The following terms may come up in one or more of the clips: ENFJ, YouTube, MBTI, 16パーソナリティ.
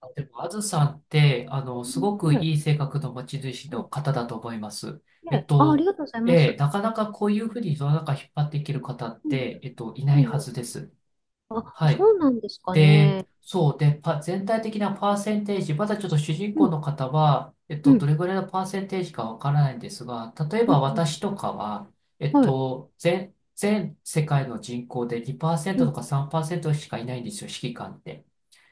あでも、あずさんって、すごくはい。いい性格の持ち主うのん。方だと思います。えっね、あ、ありと、がとうございます。なかなかこういうふうに世の中引っ張っていける方っうんうて、ん。いなういんはうん。ずです。あ、はい。そうなんですかで、ね。そう。で、全体的なパーセンテージ、まだちょっと主人う公ん。の方は、うどん。れぐらいのパーセンテージかわからないんですが、例えうば私ん。とかは、はい。全世界の人口でう2%とん。か3%しかいないんですよ、指揮官って。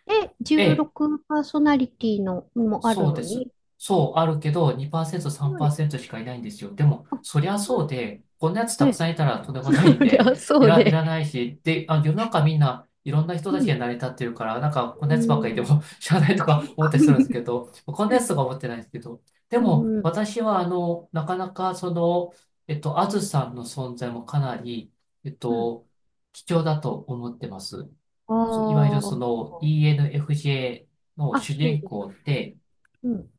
で、ええ、16パーソナリティのもあるそうのです。に。そう、あるけど、2%、はい。3%しかいないんですよ。でも、あ、そりすゃごいそうね。で、こんなやつたくい。さんいたらとんで もそないんりで、ゃ そういで。らないし、で、世の中みんないろんな人うたちがん。成り立ってるから、なんかこんうなやつばっかりでん。も 知らないとか思ったりするんですけ ど、こんなやつとか思ってないんですけど、でうも、ん。私は、なかなか、あずさんの存在もかなり、えっうんは、と、貴重だと思ってます。そういわゆるそあの ENFJ のあ、主そう人です公ね。って、うん。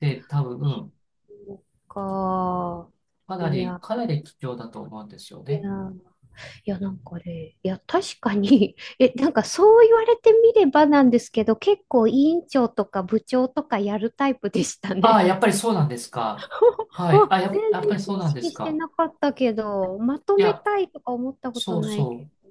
で、多分、そっか。かないり、や、かなり貴重だと思うんですよいや。ね。いや、なんかね、いや、確かに、 え、なんかそう言われてみればなんですけど、結構委員長とか部長とかやるタイプでしたああ、ね。やっぱりそうなんですか。はい。あ、全然やっぱりそう意なんで識すしてか。なかったけど、まといめや、たいとか思ったことそうないけそう。ど、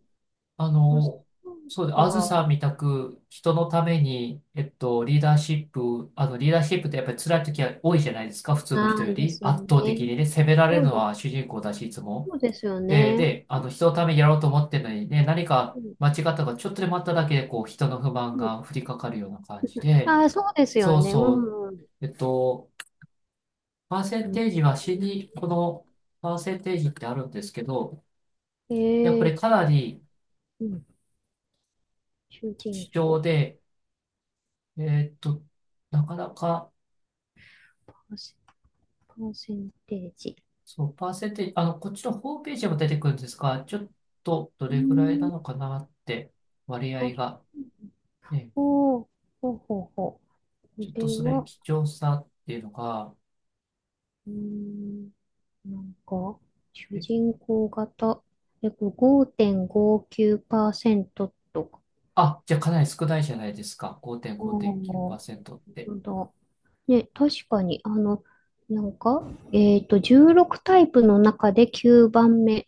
あまあ、その、うそうで、あずか、さんみたく人のために、リーダーシップってやっぱり辛い時は多いじゃないですか、普通のな人よんでり。す圧倒的ね。にね、責められるそうのです、は主人公だし、いつも。そうですよで、ね。で、あの、人のためにやろうと思ってるのにね、何かうん、間違ったか、ちょっとでもあっただけで、こう、人の不満うん。が降りかかるような感じで、あー、そうですよそうね。うそう。ん、うん。えっと、パーセうンん、テージは死に、このパーセンテージってあるんですけど、えやっぱー、りかちなょっと、りうん、主人貴重公、で、えっと、なかなか、パーセパーセンテージ。そう、パーセンテージ、こっちのホームページにも出てくるんですが、ちょっとどうれぐらいん、なのかなって、割あ、合が。ね、ほう、ほうほうほう。ちこょっとれそれ、は、貴重さっていうのが、うーん、なんか、主え人公型。え、これ5.59%とか。じゃあかなり少ないじゃないですか。ああ、本5.5.9%って。当だ。ね、確かに、あの、なんか、えっと、16タイプの中で9番目。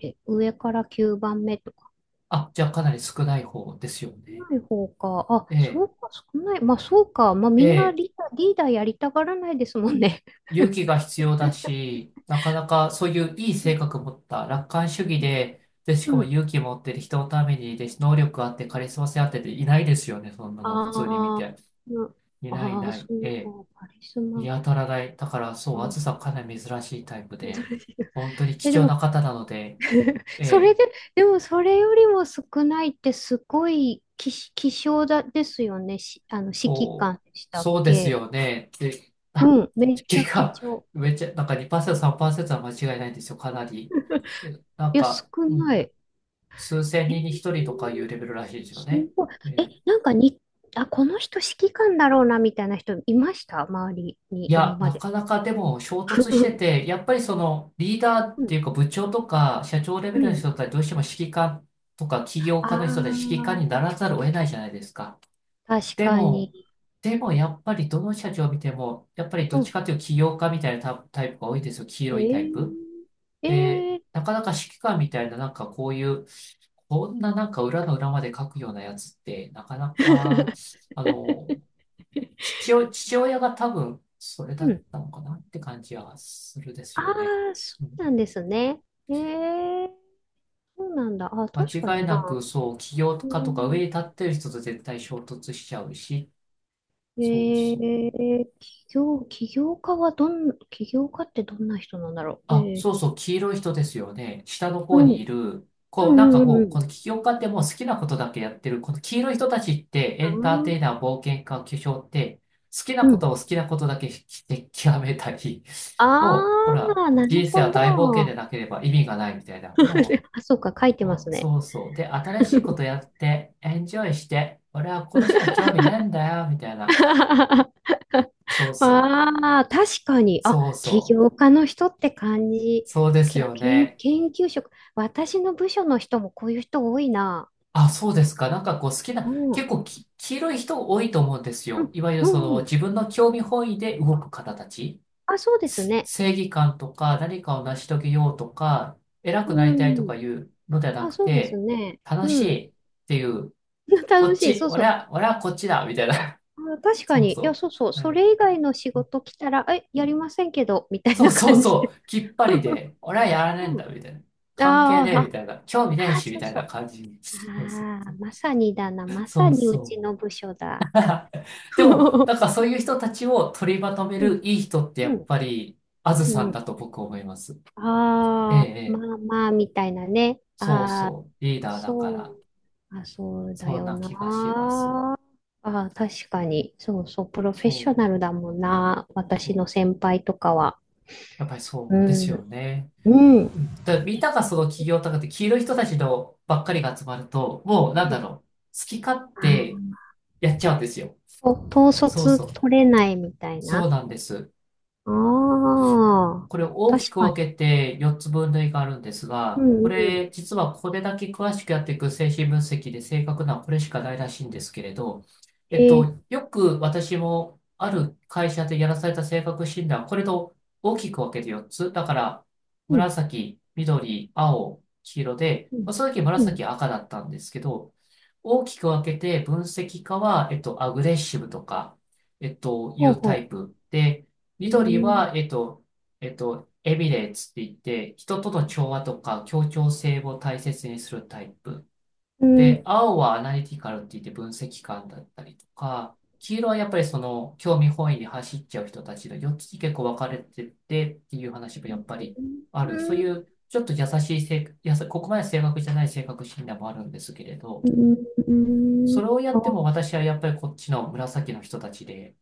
え、上から9番目とか。あ、じゃあかなり少ない方ですよ少ね。ない方か。あ、えそえ、うか、少ない。まあ、そうか。まあ、みんなリーえダー、リーダーやりたがらないですもんね。勇気が必要だし、なかなかそういういいう性格持った楽観主義ん。で、で、しかうもん。勇気持ってる人のために、で、能力あって、カリスマ性あってていないですよね、そんなの普通に見ああ、て。な、いないいああ、なそい。えうえ、か、カリス見マ。当たらない。だから、そうう、ん、暑さかなり珍しいタイプメドレで、ーヌ。本当に貴え、で重も、な方なので、えそれえ、で、でもそれよりも少ないってすごい希少だですよね。し、あの、指揮そう、官でしたっそうですけ。よね。で、うん、めっち結ゃ貴が重。めっちゃ、なんか2%、3%は間違いないんですよ、かなり。で、なんいや、少か、うなん。い。数千え人に一ー、人とかいうレベルらしいですよすね。ごい。ええ、ーなんかに、あ、この人指揮官だろうな、みたいな人いました周りに、い今や、まなで。かなかでも衝突して て、やっぱりそのリーダーっうていん、うか部長とか社長レベうルのん。人たちどうしても指揮官とか起業あ家の人たち指揮官あ、にならざるを得ないじゃないですか。確でかも、に。でも、やっぱりどの社長を見ても、やっぱりどっうちん、かというと起業家みたいなタタイプが多いですよ。黄え色いタイー、プ。えで、ー、なかなか指揮官みたいななんかこういう、こんななんか裏の裏まで書くようなやつって、なかなか、あの、父親が多分それうだっん。たのかなって感じはするですあよね。あ、そうん、うなんですね。えー、そうなんだ。あ、確か間違いになな。くそう、起業う家とか上ん、に立ってる人と絶対衝突しちゃうし、えそうそう。ー、起業家はどん、起業家ってどんな人なんだろう。えあ、ー、そうそう、黄色い人ですよね。下のう方にいん、る、うこう、なんかん、うもう、ん、この起業家ってもう好きなことだけやってる、この黄色い人たちってエンうターテん。イナー、冒険家、巨匠って、好きなうん。こあー、うとをん、好きなことだけして極めたり、あもう、ほら、ー、なる人生ほは大冒険でど。なければ意味がないみたいな、もあ、そうか、書いてう、ますお、ね。そうそう。で、新しいことやって、エンジョイして、俺はこれしか興味ねえんだよ、みたいな。そうそう。ああ、確かに。あ、そう起そ業う。家の人って感じ。そうですけ、よ研、ね。研究職。私の部署の人もこういう人多いな。あ、そうですか。なんかこう好きうな、ん。結構き、黄色い人多いと思うんですうよ。ん、いわゆるうそん、のうん。自分の興味本位で動く方たち。あ、そうですね。正義感とか何かを成し遂げようとか、偉くなうりたいとかん。いうのではなあ、くそうですて、ね。楽しうん。いっていう、こ楽っしい。ち、そうそ俺う。は、俺はこっちだ、みたいな。あ、確かそうに。いや、そそうそう。う。はそい、れ以外の仕事来たら、え、やりませんけど、みたいそうなそう感じ。そう、きっぱり で、俺はやらねえんうだ、ん。みたいな。関係ねえ、あみー、たいな。興味ねえあ、あ、し、みそうたいそなう。感じに。そうそう。ああ、まさにだな。まさそうにうちのそ部う。署だ。でも、なんかそういう人たちを取りまとめるいい人ってやうっん。ぱり、あずさうんん。だと僕思います。ええ、あえあ、え。まあまあ、みたいなね。そうああ、そう。リーダーだかそう、ら、あ、そうだそんよな気がしまな。す。ああ、確かに。そうそう、プロフェッそショう、ナルだもんな。そ私のう。先輩とかは。やっぱりうそうですよん。ね。うん。うんだ、みんながその企業とかって黄色い人たちのばっかりが集まると、もうなんうだん。ろう。好き勝手あ、やっちゃうんですよ。と、統そう率そう、取れないみたいそうな。なんです。ああ、これ大確きくか分に。けて4つ分類があるんですうが、んこうれん。実はこれだけ詳しくやっていく精神分析で正確なのはこれしかないらしいんですけれど、ええ、よく私もある会社でやらされた性格診断、これと大きく分けて4つ。だから、うん。紫、緑、青、黄色で、うまあ、ん。その時う紫ん。赤だったんですけど、大きく分けて分析家は、アグレッシブとか、いほううタイほプで、う。う緑ん。は、エビレーツって言って、人との調和とか協調性を大切にするタイプ。うで、ん。青はアナリティカルって言って分析官だったりとか、黄色はやっぱりその興味本位に走っちゃう人たちの4つに結構分かれててっていう話もやっぱりあうる。そういん、うちょっと優しい性、やさ、ここまで正確じゃない性格診断もあるんですけれど、うそーれん。をやあ、っても私はやっぱりこっちの紫の人たちで、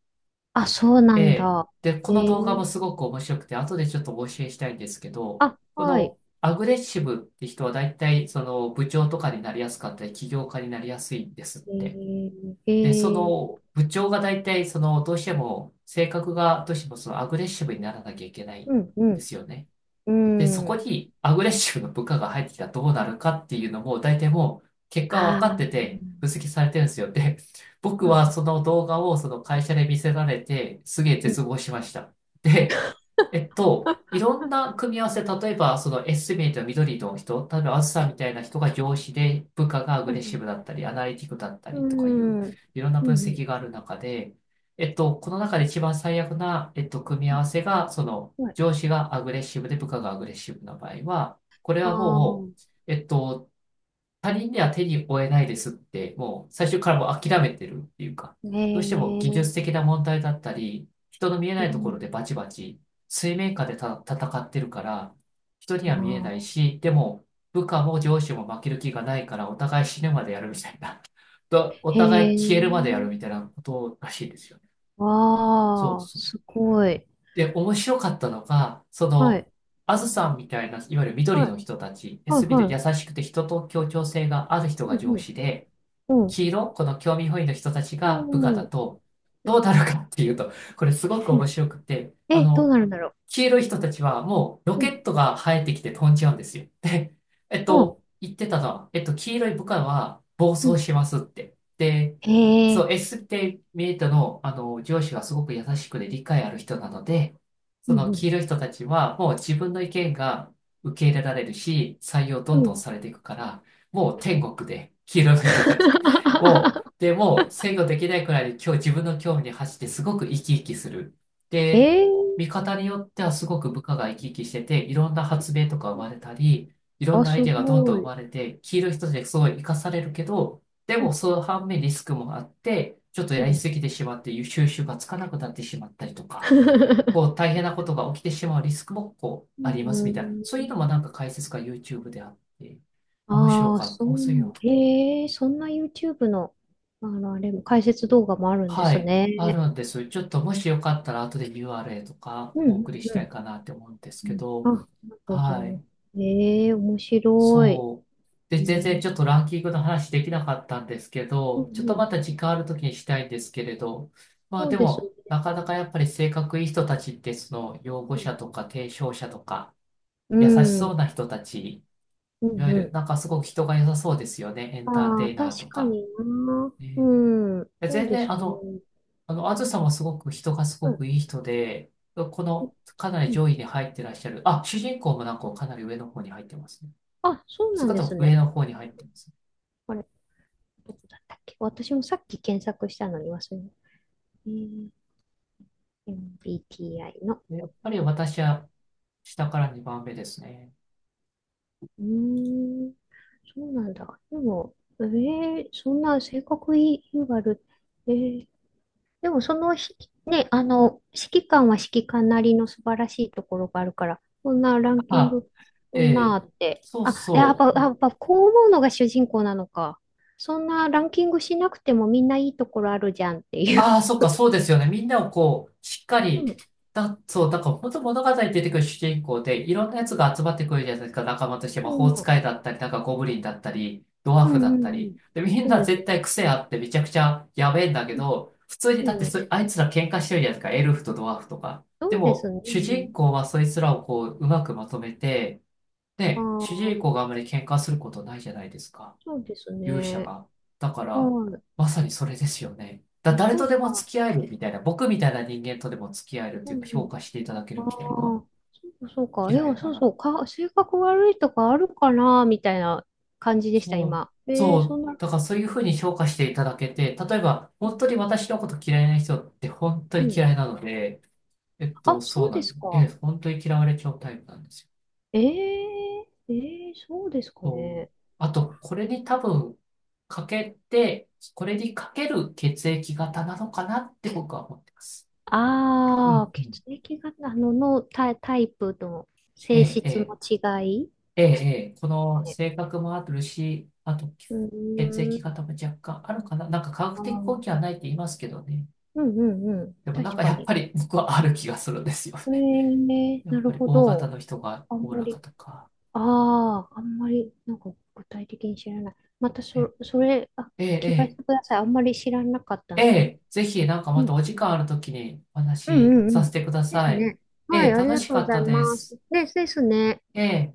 あ、そうなえんえ。だ。で、こえの動画もー、すごく面白くて、後でちょっとお教えしたいんですけど、あ、こはい。のアグレッシブって人は大体その部長とかになりやすかったり、起業家になりやすいんですっえて。ー、えで、そー、の部長が大体そのどうしても性格がどうしてもそのアグレッシブにならなきゃいけないうんん、うでん、すよね。で、そうこん。にアグレッシブな部下が入ってきたらどうなるかっていうのも、大体もう結果あは分かってて、分析されてるんですよ。で、僕はあ、そあの動画をその会社で見せられて、すげえ絶望ー、しました。で、いろんな組み合わせ、例えばそのエスティメイトの緑の人、例えばあずさんみたいな人が上司で、部下がアグうレッシん。ブだったり、アナリティクだったうりとかいう、ん、うん、いろんなう分ん、うん、析がある中で、この中で一番最悪な、組みう合わせが、その、ん、はい、上司がアグレッシブで部下がアグレッシブな場合は、これあはもう、あ、えっと、他人には手に負えないですって、もう最初からもう諦めてるっていうか、へどうしても技術え、的な問題だったり、人の見えうないところん、でバチバチ、水面下でた戦ってるから、人には見えないああ、し、でも部下も上司も負ける気がないから、お互い死ぬまでやるみたいな、とおへ互い消えるまでやえ、るみたいなことらしいですよね。そうわあ、そすう。ごい。で、面白かったのが、そはい、の、あずさんみたいな、いわゆる緑はい、の人たち、はい、すべて優はしくて人と協調性がある人い、がう上司で、ん、うん、黄色、この興味本位の人たちうが部ん、う下ん、だと、うどんうなるかっていうと、これすごくう面ん、白くて、あえ、どうの、なるんだろ黄色い人たちはもうロう。うケん、ットが生えてきて飛んじゃうんですよ。で、あ、言ってたのは、黄色い部下は暴う走ん、しますって。で、へそえ。う、S って見えたの、あの、上司がすごく優しくで理解ある人なので、そうのん黄色い人たちはもう自分の意見が受け入れられるし、採用どうんん。どうんん。されていくから、もう天国で黄色い人たちも う、でもう制御できないくらいで今日自分の興味に走ってすごく生き生きする。えで、え、見方によってはすごく部下が生き生きしてて、いろんな発明とか生まれたり、いろんあ、なアイすデアがどんどごん生い。まれて、黄色一つですごい活かされるけど、でうもん。その反面リスクもあって、ちょっとうやりん。すぎてしまって収集がつかなくなってしまったりとか、こう 大変なことが起きてしまうリスクもこううありますみたいな、ん。そういうのもなんか解説が YouTube であって、面白ああ、かった。そおそういうのう。へえ、そんな YouTube の、あの、あれも、解説動画もあるんではすい、ね。あるんです。ちょっともしよかったら後で URL とかうん、うお送ん、りしうたいん。かなって思うんですうけん、あ、ど、ありがとうございはます。い、ええ、面白い。そう。で、全然ね、ちょっとランキングの話できなかったんですけうん、ど、ちょっとうまん。た時間ある時にしたいんですけれど、まあそうでですも、ね。なかなかやっぱり性格いい人たちってその擁護者とか提唱者とかう優しん、うそん、うな人たち、ういわん。ゆうるん、なんかすごく人が良さそうですよね、エンターああ、テイナー確とかか。にな。えーうん、そう全で然すあね。のあの、あずさんはすごく人がすごくいい人で、このかなりうん、上位に入ってらっしゃる。あ、主人公もなんかかなり上の方に入ってますね。あ、そうそなのんで方もす上ね。の方に入ってます。あれ、どこだったっけ私もさっき検索したのに忘れた。えー、 MBTI の。でやっぱり私は下から2番目ですね。うーん、そうなんだ。でも、えー、そんな性格いいわる。えー、でもそのひ、ね、あの、指揮官は指揮官なりの素晴らしいところがあるから、そんなランキンあ、グ、えそんなあえって。そうあ、やっそぱ、う。やっぱこう思うのが主人公なのか。そんなランキングしなくてもみんないいところあるじゃんっていう。ああ、そっか、そうですよね。みんなをこう、しっかうり、ん。だ、そう、だから本当物語に出てくる主人公で、いろんなやつが集まってくるじゃないですか、仲間として。う魔法ん使いだったり、なんかゴブリンだったり、ドワーうフだんうったん。うり。ん。で、みんそうなです絶対ね。癖あってめちゃくちゃやべえんだけど、普通にうだってん。うそ、ん、あいつら喧嘩してるじゃないですか、エルフとドワーフとか。そでうでも、すね。主人公はそいつらをこう、うまくまとめて、あで、主人あ、公があまり喧嘩することないじゃないですか。そうです勇者ね。が。だから、はい。まさにそれですよね。だ、あ、誰そとうでもか。付き合えるみたいな、僕みたいな人間とでも付き合えるってういうか、んう評ん。価していただけあるあ、みたいな。そうか。いや、嫌いなそうら。そう。か、性格悪いとかあるかな、みたいな感じでした、そう、今。えそー、そう。んな、だからそういうふうに評価していただけて、例えば、うん。本当に私のこと嫌いな人って本当うにん、嫌いなので、あ、そそううなでんですす。ええ、か。本当に嫌われちゃうタイプなんですよ。えー、えー、そうですかそうね。あと、これに多分、かけて、これにかける血液型なのかなって僕は思ってます。うああ、んうん血液型の、のタイ、タイプとえ性え、え質え、の違いええ、ええこのね。性格もあるし、あとう血ー液ん。型も若干あるかな。なんか科学あ的ー、根拠はないって言いますけどね。うんうんうん。でもなん確かかやっに。ぱり 僕はある気がするんですよえね。ー、やなっるぱりほ大型ど。の人があおんおまらかり、とか。ああ、あんまり、なんか具体的に知らない。またえそ、それ、あ、え、え聞かせえ、てください。あんまり知らなかったえので。え、ぜひなんかうまたん。お時間あるときにお話うんしうんうさせん。てくだですさい。ね。はええ、い、あり楽がしとうかごっざたいでます。す。で、ですね。ええ。